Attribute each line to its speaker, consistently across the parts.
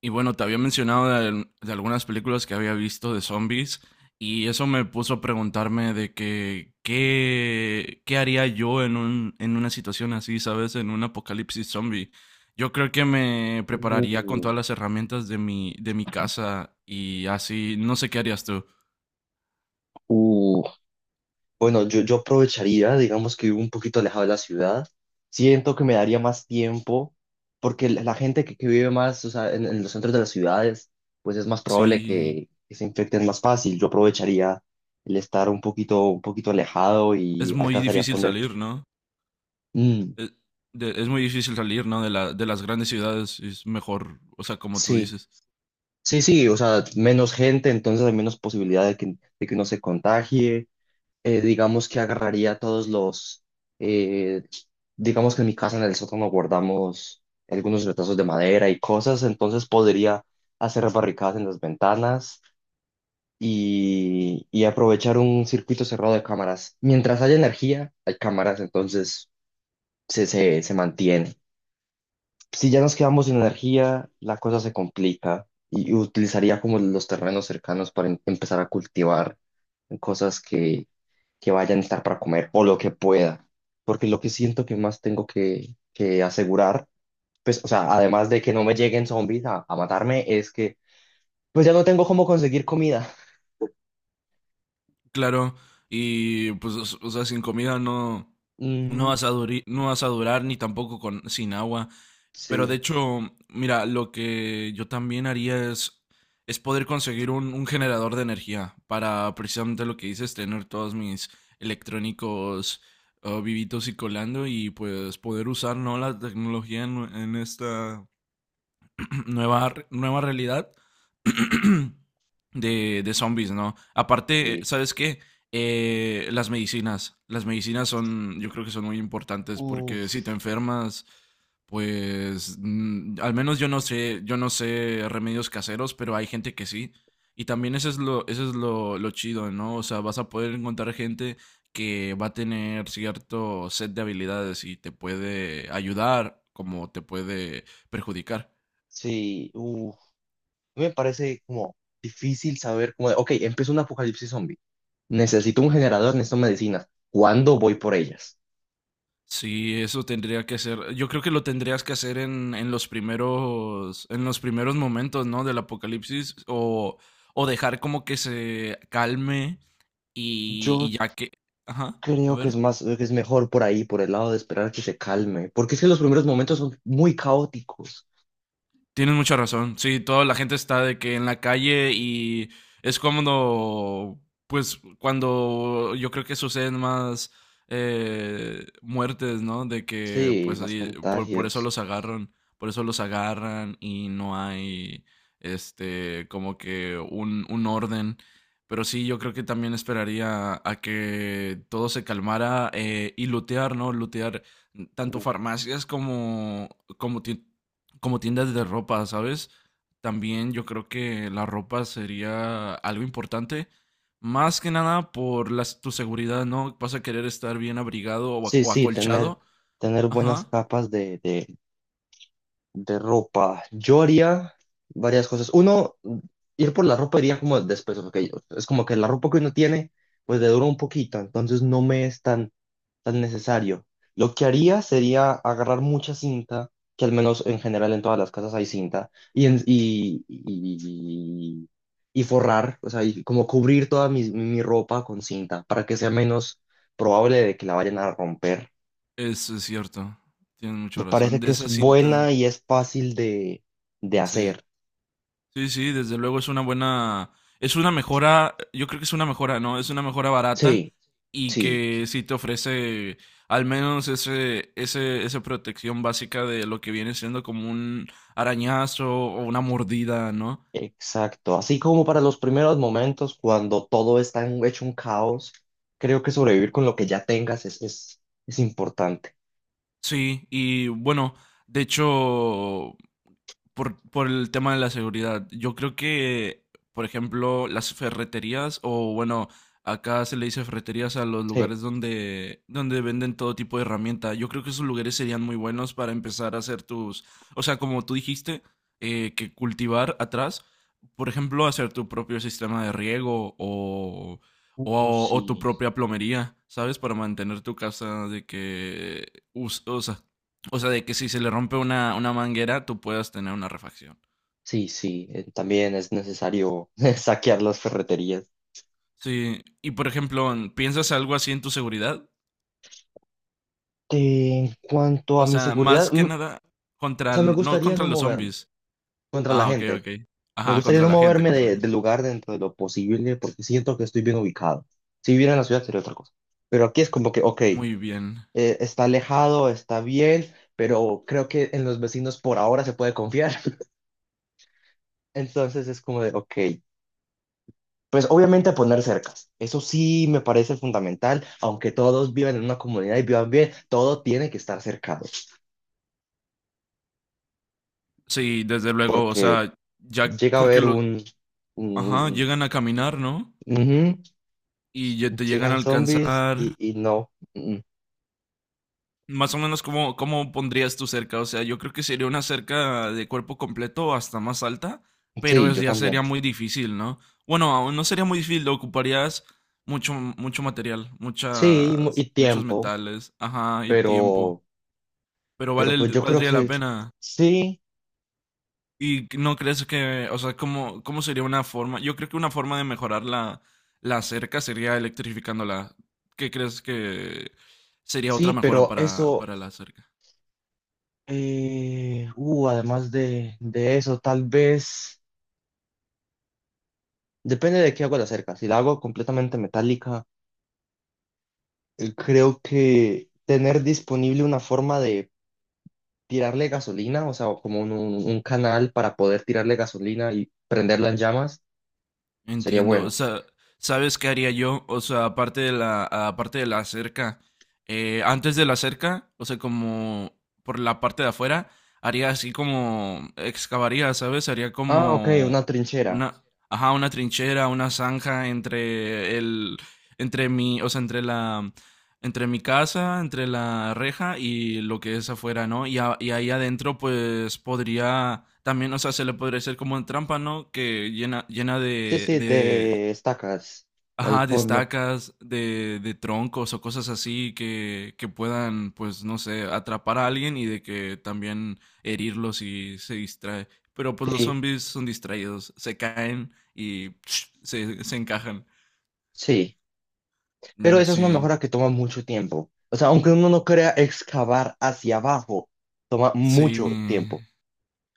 Speaker 1: Y bueno, te había mencionado de algunas películas que había visto de zombies, y eso me puso a preguntarme de que qué haría yo en un en una situación así, ¿sabes? En un apocalipsis zombie. Yo creo que me prepararía con
Speaker 2: Uh,
Speaker 1: todas las herramientas de mi casa y así, no sé qué harías tú.
Speaker 2: uh, Bueno, yo aprovecharía, digamos que vivo un poquito alejado de la ciudad. Siento que me daría más tiempo, porque la gente que vive más, o sea, en los centros de las ciudades, pues es más probable
Speaker 1: Sí,
Speaker 2: que se infecten más fácil. Yo aprovecharía el estar un poquito alejado
Speaker 1: es
Speaker 2: y
Speaker 1: muy
Speaker 2: alcanzaría a
Speaker 1: difícil
Speaker 2: poner.
Speaker 1: salir, ¿no?
Speaker 2: Mm,
Speaker 1: Es, es muy difícil salir, ¿no? De las grandes ciudades, es mejor, o sea, como tú
Speaker 2: sí,
Speaker 1: dices.
Speaker 2: sí, sí, o sea, menos gente, entonces hay menos posibilidad de que uno se contagie. Digamos que agarraría todos los, eh, digamos que en mi casa en el sótano guardamos algunos retazos de madera y cosas, entonces podría hacer barricadas en las ventanas y aprovechar un circuito cerrado de cámaras. Mientras haya energía, hay cámaras, entonces se mantiene. Si ya nos quedamos sin energía, la cosa se complica y utilizaría como los terrenos cercanos para empezar a cultivar cosas que vaya a necesitar para comer o lo que pueda. Porque lo que siento que más tengo que asegurar, pues, o sea, además de que no me lleguen zombies a matarme, es que pues ya no tengo cómo conseguir comida.
Speaker 1: Claro, y pues, o sea, sin comida no,
Speaker 2: Mm,
Speaker 1: no vas a durar, ni tampoco sin agua. Pero de
Speaker 2: sí,
Speaker 1: hecho, mira, lo que yo también haría es poder conseguir un generador de energía para precisamente lo que dices, tener todos mis electrónicos vivitos y colando, y pues poder usar, ¿no?, la tecnología en esta nueva realidad. De zombies, ¿no? Aparte,
Speaker 2: sí.
Speaker 1: ¿sabes qué? Las medicinas. Las medicinas son, yo creo que son muy importantes porque si
Speaker 2: Uf,
Speaker 1: te enfermas, pues al menos yo no sé remedios caseros, pero hay gente que sí. Y también eso es lo chido, ¿no? O sea, vas a poder encontrar gente que va a tener cierto set de habilidades y te puede ayudar como te puede perjudicar.
Speaker 2: sí, uf. Me parece como difícil saber cómo, de, ok, empezó un apocalipsis zombie. Necesito un generador, necesito medicinas. ¿Cuándo voy por ellas?
Speaker 1: Sí, eso tendría que ser. Yo creo que lo tendrías que hacer en los primeros momentos, ¿no? Del apocalipsis. O dejar como que se calme
Speaker 2: Yo
Speaker 1: y ya que. Ajá. A
Speaker 2: creo que es
Speaker 1: ver.
Speaker 2: más, que es mejor por ahí, por el lado de esperar que se calme, porque es que los primeros momentos son muy caóticos.
Speaker 1: Tienes mucha razón. Sí, toda la gente está de que en la calle, y es cuando, pues, cuando yo creo que suceden más muertes, ¿no? De que,
Speaker 2: Sí,
Speaker 1: pues,
Speaker 2: más
Speaker 1: ahí, por eso
Speaker 2: contagios.
Speaker 1: los agarran, por eso los agarran, y no hay, este, como que un orden. Pero sí, yo creo que también esperaría a que todo se calmara, y lootear, ¿no? Lootear tanto farmacias como, como ti- como tiendas de ropa, ¿sabes? También yo creo que la ropa sería algo importante. Más que nada por tu seguridad, ¿no? Vas a querer estar bien abrigado
Speaker 2: Sí,
Speaker 1: o
Speaker 2: sí, tener,
Speaker 1: acolchado.
Speaker 2: tener buenas
Speaker 1: Ajá,
Speaker 2: capas de ropa, yo haría varias cosas. Uno, ir por la ropa iría como después, ok. Es como que la ropa que uno tiene, pues le dura un poquito, entonces no me es tan necesario. Lo que haría sería agarrar mucha cinta, que al menos en general en todas las casas hay cinta, y forrar, o sea, y como cubrir toda mi ropa con cinta para que sea menos probable de que la vayan a romper.
Speaker 1: eso es cierto. Tienes
Speaker 2: Me
Speaker 1: mucha
Speaker 2: parece
Speaker 1: razón.
Speaker 2: que
Speaker 1: De
Speaker 2: es
Speaker 1: esa cinta,
Speaker 2: buena y es fácil de
Speaker 1: sí.
Speaker 2: hacer.
Speaker 1: Sí, sí, desde luego es una buena, es una mejora, yo creo que es una mejora, ¿no? Es una mejora barata
Speaker 2: Sí,
Speaker 1: y
Speaker 2: sí,
Speaker 1: que sí te ofrece al menos ese, ese, esa protección básica de lo que viene siendo como un arañazo o una mordida, ¿no?
Speaker 2: exacto. Así como para los primeros momentos, cuando todo está hecho un caos, creo que sobrevivir con lo que ya tengas es importante.
Speaker 1: Sí, y bueno, de hecho, por el tema de la seguridad. Yo creo que, por ejemplo, las ferreterías, o bueno, acá se le dice ferreterías a los
Speaker 2: Sí.
Speaker 1: lugares donde, donde venden todo tipo de herramienta. Yo creo que esos lugares serían muy buenos para empezar a hacer tus, o sea, como tú dijiste, que cultivar atrás, por ejemplo, hacer tu propio sistema de riego, o tu
Speaker 2: Sí,
Speaker 1: propia plomería, ¿sabes? Para mantener tu casa de que, us- o sea, o sea, de que si se le rompe una manguera, tú puedas tener una refacción.
Speaker 2: sí, sí. También es necesario saquear las ferreterías.
Speaker 1: Sí, y por ejemplo, ¿piensas algo así en tu seguridad?
Speaker 2: En cuanto a
Speaker 1: O
Speaker 2: mi
Speaker 1: sea,
Speaker 2: seguridad,
Speaker 1: más que nada
Speaker 2: o
Speaker 1: contra,
Speaker 2: sea, me
Speaker 1: no
Speaker 2: gustaría
Speaker 1: contra
Speaker 2: no
Speaker 1: los
Speaker 2: moverme
Speaker 1: zombies.
Speaker 2: contra la
Speaker 1: Ah, ok,
Speaker 2: gente.
Speaker 1: ok.
Speaker 2: Me
Speaker 1: Ajá,
Speaker 2: gustaría
Speaker 1: contra
Speaker 2: no
Speaker 1: la gente,
Speaker 2: moverme
Speaker 1: contra la
Speaker 2: del
Speaker 1: gente.
Speaker 2: lugar dentro de lo posible porque siento que estoy bien ubicado. Si viviera en la ciudad sería otra cosa. Pero aquí es como que, ok.
Speaker 1: Muy bien.
Speaker 2: Está alejado, está bien, pero creo que en los vecinos por ahora se puede confiar. Entonces es como de, ok, pues obviamente poner cercas. Eso sí me parece fundamental, aunque todos vivan en una comunidad y vivan bien, todo tiene que estar cercado,
Speaker 1: Sí, desde luego, o
Speaker 2: porque
Speaker 1: sea, ya
Speaker 2: llega a
Speaker 1: porque
Speaker 2: haber
Speaker 1: los,
Speaker 2: un...
Speaker 1: ajá,
Speaker 2: un-
Speaker 1: llegan a caminar, ¿no?
Speaker 2: un-
Speaker 1: Y ya
Speaker 2: ujú,
Speaker 1: te llegan a
Speaker 2: llegan zombies y,
Speaker 1: alcanzar.
Speaker 2: y no. Mm,
Speaker 1: Más o menos, ¿cómo, cómo pondrías tu cerca? O sea, yo creo que sería una cerca de cuerpo completo o hasta más alta, pero
Speaker 2: sí, yo
Speaker 1: ya
Speaker 2: también.
Speaker 1: sería muy difícil, ¿no? Bueno, aún no sería muy difícil, ocuparías mucho, mucho material,
Speaker 2: Sí, y, mu-
Speaker 1: muchas,
Speaker 2: y
Speaker 1: muchos
Speaker 2: tiempo,
Speaker 1: metales, ajá, y tiempo,
Speaker 2: pero,
Speaker 1: pero
Speaker 2: pero
Speaker 1: vale,
Speaker 2: pues yo creo
Speaker 1: valdría la
Speaker 2: que
Speaker 1: pena.
Speaker 2: sí,
Speaker 1: ¿Y no crees que, o sea, cómo, cómo sería una forma? Yo creo que una forma de mejorar la, la cerca sería electrificándola. ¿Qué crees que sería otra
Speaker 2: sí,
Speaker 1: mejora
Speaker 2: pero eso.
Speaker 1: para la cerca?
Speaker 2: Además de eso, tal vez, depende de qué hago la cerca. Si la hago completamente metálica, creo que tener disponible una forma de tirarle gasolina, o sea, o como un canal para poder tirarle gasolina y prenderla en llamas, sería
Speaker 1: Entiendo, o
Speaker 2: bueno.
Speaker 1: sea, ¿sabes qué haría yo? O sea, aparte de la cerca, antes de la cerca, o sea, como por la parte de afuera, haría así como, excavaría, ¿sabes? Haría
Speaker 2: Ah, ok,
Speaker 1: como
Speaker 2: una trinchera.
Speaker 1: una, ajá, una trinchera, una zanja entre entre mi, o sea, entre la, entre mi casa, entre la reja y lo que es afuera, ¿no? Y, y ahí adentro, pues podría también, o sea, se le podría hacer como en trampa, ¿no? Que llena, llena
Speaker 2: Sí, sí,
Speaker 1: de,
Speaker 2: de estacas al
Speaker 1: ajá, de
Speaker 2: fondo.
Speaker 1: estacas, de troncos o cosas así que puedan, pues, no sé, atrapar a alguien y de que también herirlos y se distrae. Pero pues los
Speaker 2: Sí,
Speaker 1: zombies son distraídos, se caen y se encajan.
Speaker 2: sí. Pero
Speaker 1: Mm,
Speaker 2: eso es una
Speaker 1: sí,
Speaker 2: mejora que toma mucho tiempo. O sea, aunque uno no crea excavar hacia abajo, toma
Speaker 1: sí,
Speaker 2: mucho tiempo.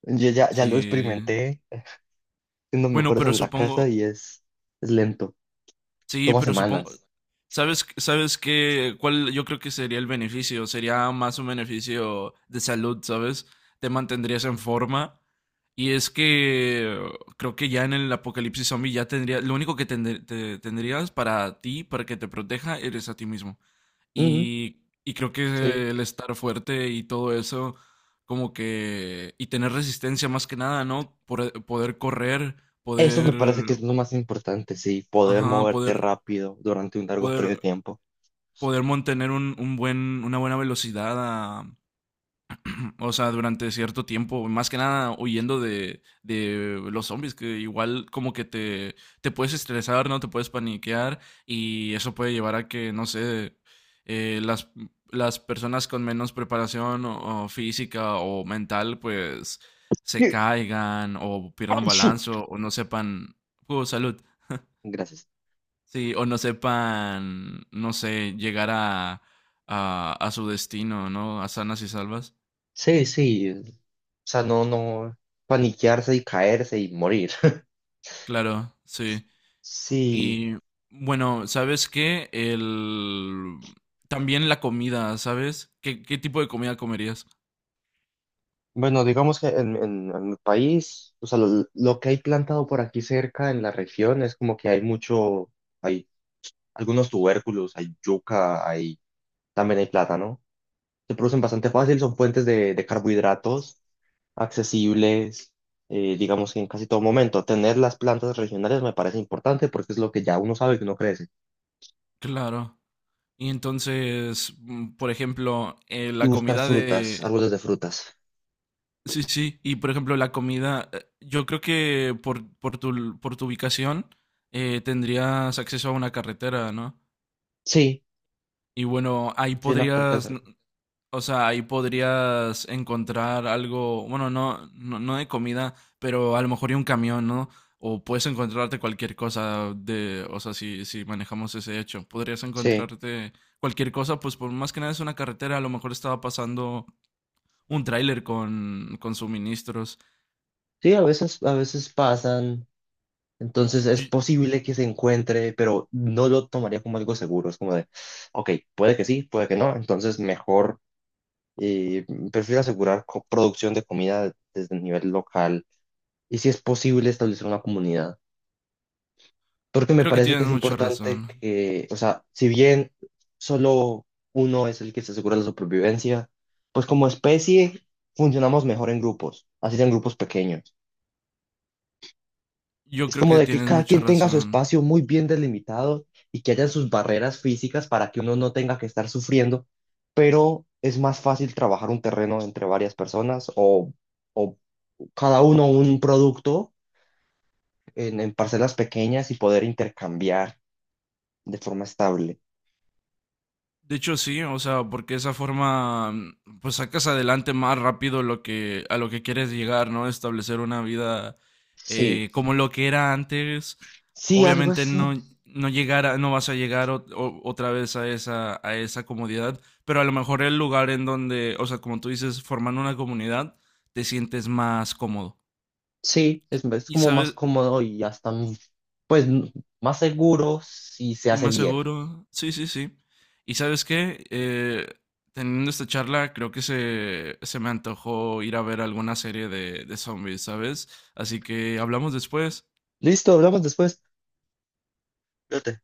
Speaker 2: Yo ya lo
Speaker 1: sí.
Speaker 2: experimenté haciendo
Speaker 1: Bueno,
Speaker 2: mejoras
Speaker 1: pero
Speaker 2: en la
Speaker 1: supongo,
Speaker 2: casa y es lento,
Speaker 1: sí,
Speaker 2: toma
Speaker 1: pero supongo,
Speaker 2: semanas.
Speaker 1: ¿sabes, sabes qué, cuál yo creo que sería el beneficio? Sería más un beneficio de salud, ¿sabes? Te mantendrías en forma. Y es que creo que ya en el apocalipsis zombie ya tendría, lo único que tendrías para ti, para que te proteja, eres a ti mismo.
Speaker 2: Ujú,
Speaker 1: Y creo que
Speaker 2: sí.
Speaker 1: el estar fuerte y todo eso, como que, y tener resistencia más que nada, ¿no? Poder correr,
Speaker 2: Eso me
Speaker 1: poder,
Speaker 2: parece que es lo más importante, sí, poder
Speaker 1: ajá,
Speaker 2: moverte rápido durante un largo periodo de
Speaker 1: poder,
Speaker 2: tiempo.
Speaker 1: poder mantener un buen, una buena velocidad, a- o sea, durante cierto tiempo, más que nada huyendo de los zombies, que igual como que te puedes estresar, ¿no? Te puedes paniquear, y eso puede llevar a que, no sé, eh, las, las personas con menos preparación o física o mental, pues se
Speaker 2: Sí.
Speaker 1: caigan o pierdan
Speaker 2: ¡Achú!
Speaker 1: balance, o no sepan, oh, salud.
Speaker 2: Gracias.
Speaker 1: Sí, o no sepan, no sé, llegar a su destino, ¿no? A sanas y salvas.
Speaker 2: Sí, sí. O sea, no paniquearse y caerse y morir.
Speaker 1: Claro, sí.
Speaker 2: Sí,
Speaker 1: Y bueno, ¿sabes qué? El... También la comida, ¿sabes? ¿Qué, qué tipo de comida comerías?
Speaker 2: bueno, digamos que en mi país, o sea, lo que hay plantado por aquí cerca en la región es como que hay mucho, hay algunos tubérculos, hay yuca, hay También hay plátano. Se producen bastante fácil, son fuentes de carbohidratos accesibles, digamos que en casi todo momento. Tener las plantas regionales me parece importante porque es lo que ya uno sabe que uno crece.
Speaker 1: Claro. Y entonces, mm, por ejemplo,
Speaker 2: Y
Speaker 1: la
Speaker 2: buscar
Speaker 1: comida
Speaker 2: frutas,
Speaker 1: de...
Speaker 2: árboles de frutas.
Speaker 1: Sí, sí. Y por ejemplo, la comida... Yo creo que por tu ubicación tendrías acceso a una carretera, ¿no?
Speaker 2: Sí,
Speaker 1: Y bueno, ahí
Speaker 2: sí, una puerta
Speaker 1: podrías,
Speaker 2: cerca.
Speaker 1: o sea, ahí podrías encontrar algo, bueno, no, no, no de comida, pero a lo mejor y un camión, ¿no? O puedes encontrarte cualquier cosa de, o sea, si, si manejamos ese hecho, podrías
Speaker 2: Sí,
Speaker 1: encontrarte cualquier cosa, pues por más que nada es una carretera, a lo mejor estaba pasando un tráiler con suministros.
Speaker 2: sí, a veces pasan. Entonces es
Speaker 1: Yo-
Speaker 2: posible que se encuentre, pero no lo tomaría como algo seguro. Es como de, ok, puede que sí, puede que no. Entonces mejor. Eh, prefiero asegurar producción de comida desde el nivel local y si es posible establecer una comunidad. Porque me
Speaker 1: Creo que
Speaker 2: parece que
Speaker 1: tienes
Speaker 2: es
Speaker 1: mucha
Speaker 2: importante
Speaker 1: razón.
Speaker 2: que, o sea, si bien solo uno es el que se asegura la supervivencia, pues como especie funcionamos mejor en grupos, así sean grupos pequeños.
Speaker 1: Yo
Speaker 2: Es
Speaker 1: creo
Speaker 2: como
Speaker 1: que
Speaker 2: de que
Speaker 1: tienes
Speaker 2: cada
Speaker 1: mucha
Speaker 2: quien tenga su
Speaker 1: razón.
Speaker 2: espacio muy bien delimitado y que haya sus barreras físicas para que uno no tenga que estar sufriendo, pero es más fácil trabajar un terreno entre varias personas o cada uno un producto en parcelas pequeñas y poder intercambiar de forma estable.
Speaker 1: De hecho, sí, o sea, porque esa forma, mm, pues sacas adelante más rápido lo que, a lo que quieres llegar, ¿no? Establecer una vida
Speaker 2: Sí,
Speaker 1: como lo que era antes.
Speaker 2: sí, algo
Speaker 1: Obviamente no,
Speaker 2: así.
Speaker 1: no vas a llegar otra vez a esa comodidad, pero a lo mejor el lugar en donde, o sea, como tú dices, formando una comunidad, te sientes más cómodo.
Speaker 2: Sí,
Speaker 1: Y,
Speaker 2: es
Speaker 1: y
Speaker 2: como más
Speaker 1: sabes,
Speaker 2: cómodo y hasta, pues, más seguro si se
Speaker 1: y
Speaker 2: hace
Speaker 1: más
Speaker 2: bien.
Speaker 1: seguro. Sí, sí, sí. ¿Y sabes qué? Teniendo esta charla, creo que se me antojó ir a ver alguna serie de zombies, ¿sabes? Así que hablamos después.
Speaker 2: Listo, hablamos después. Cuídate.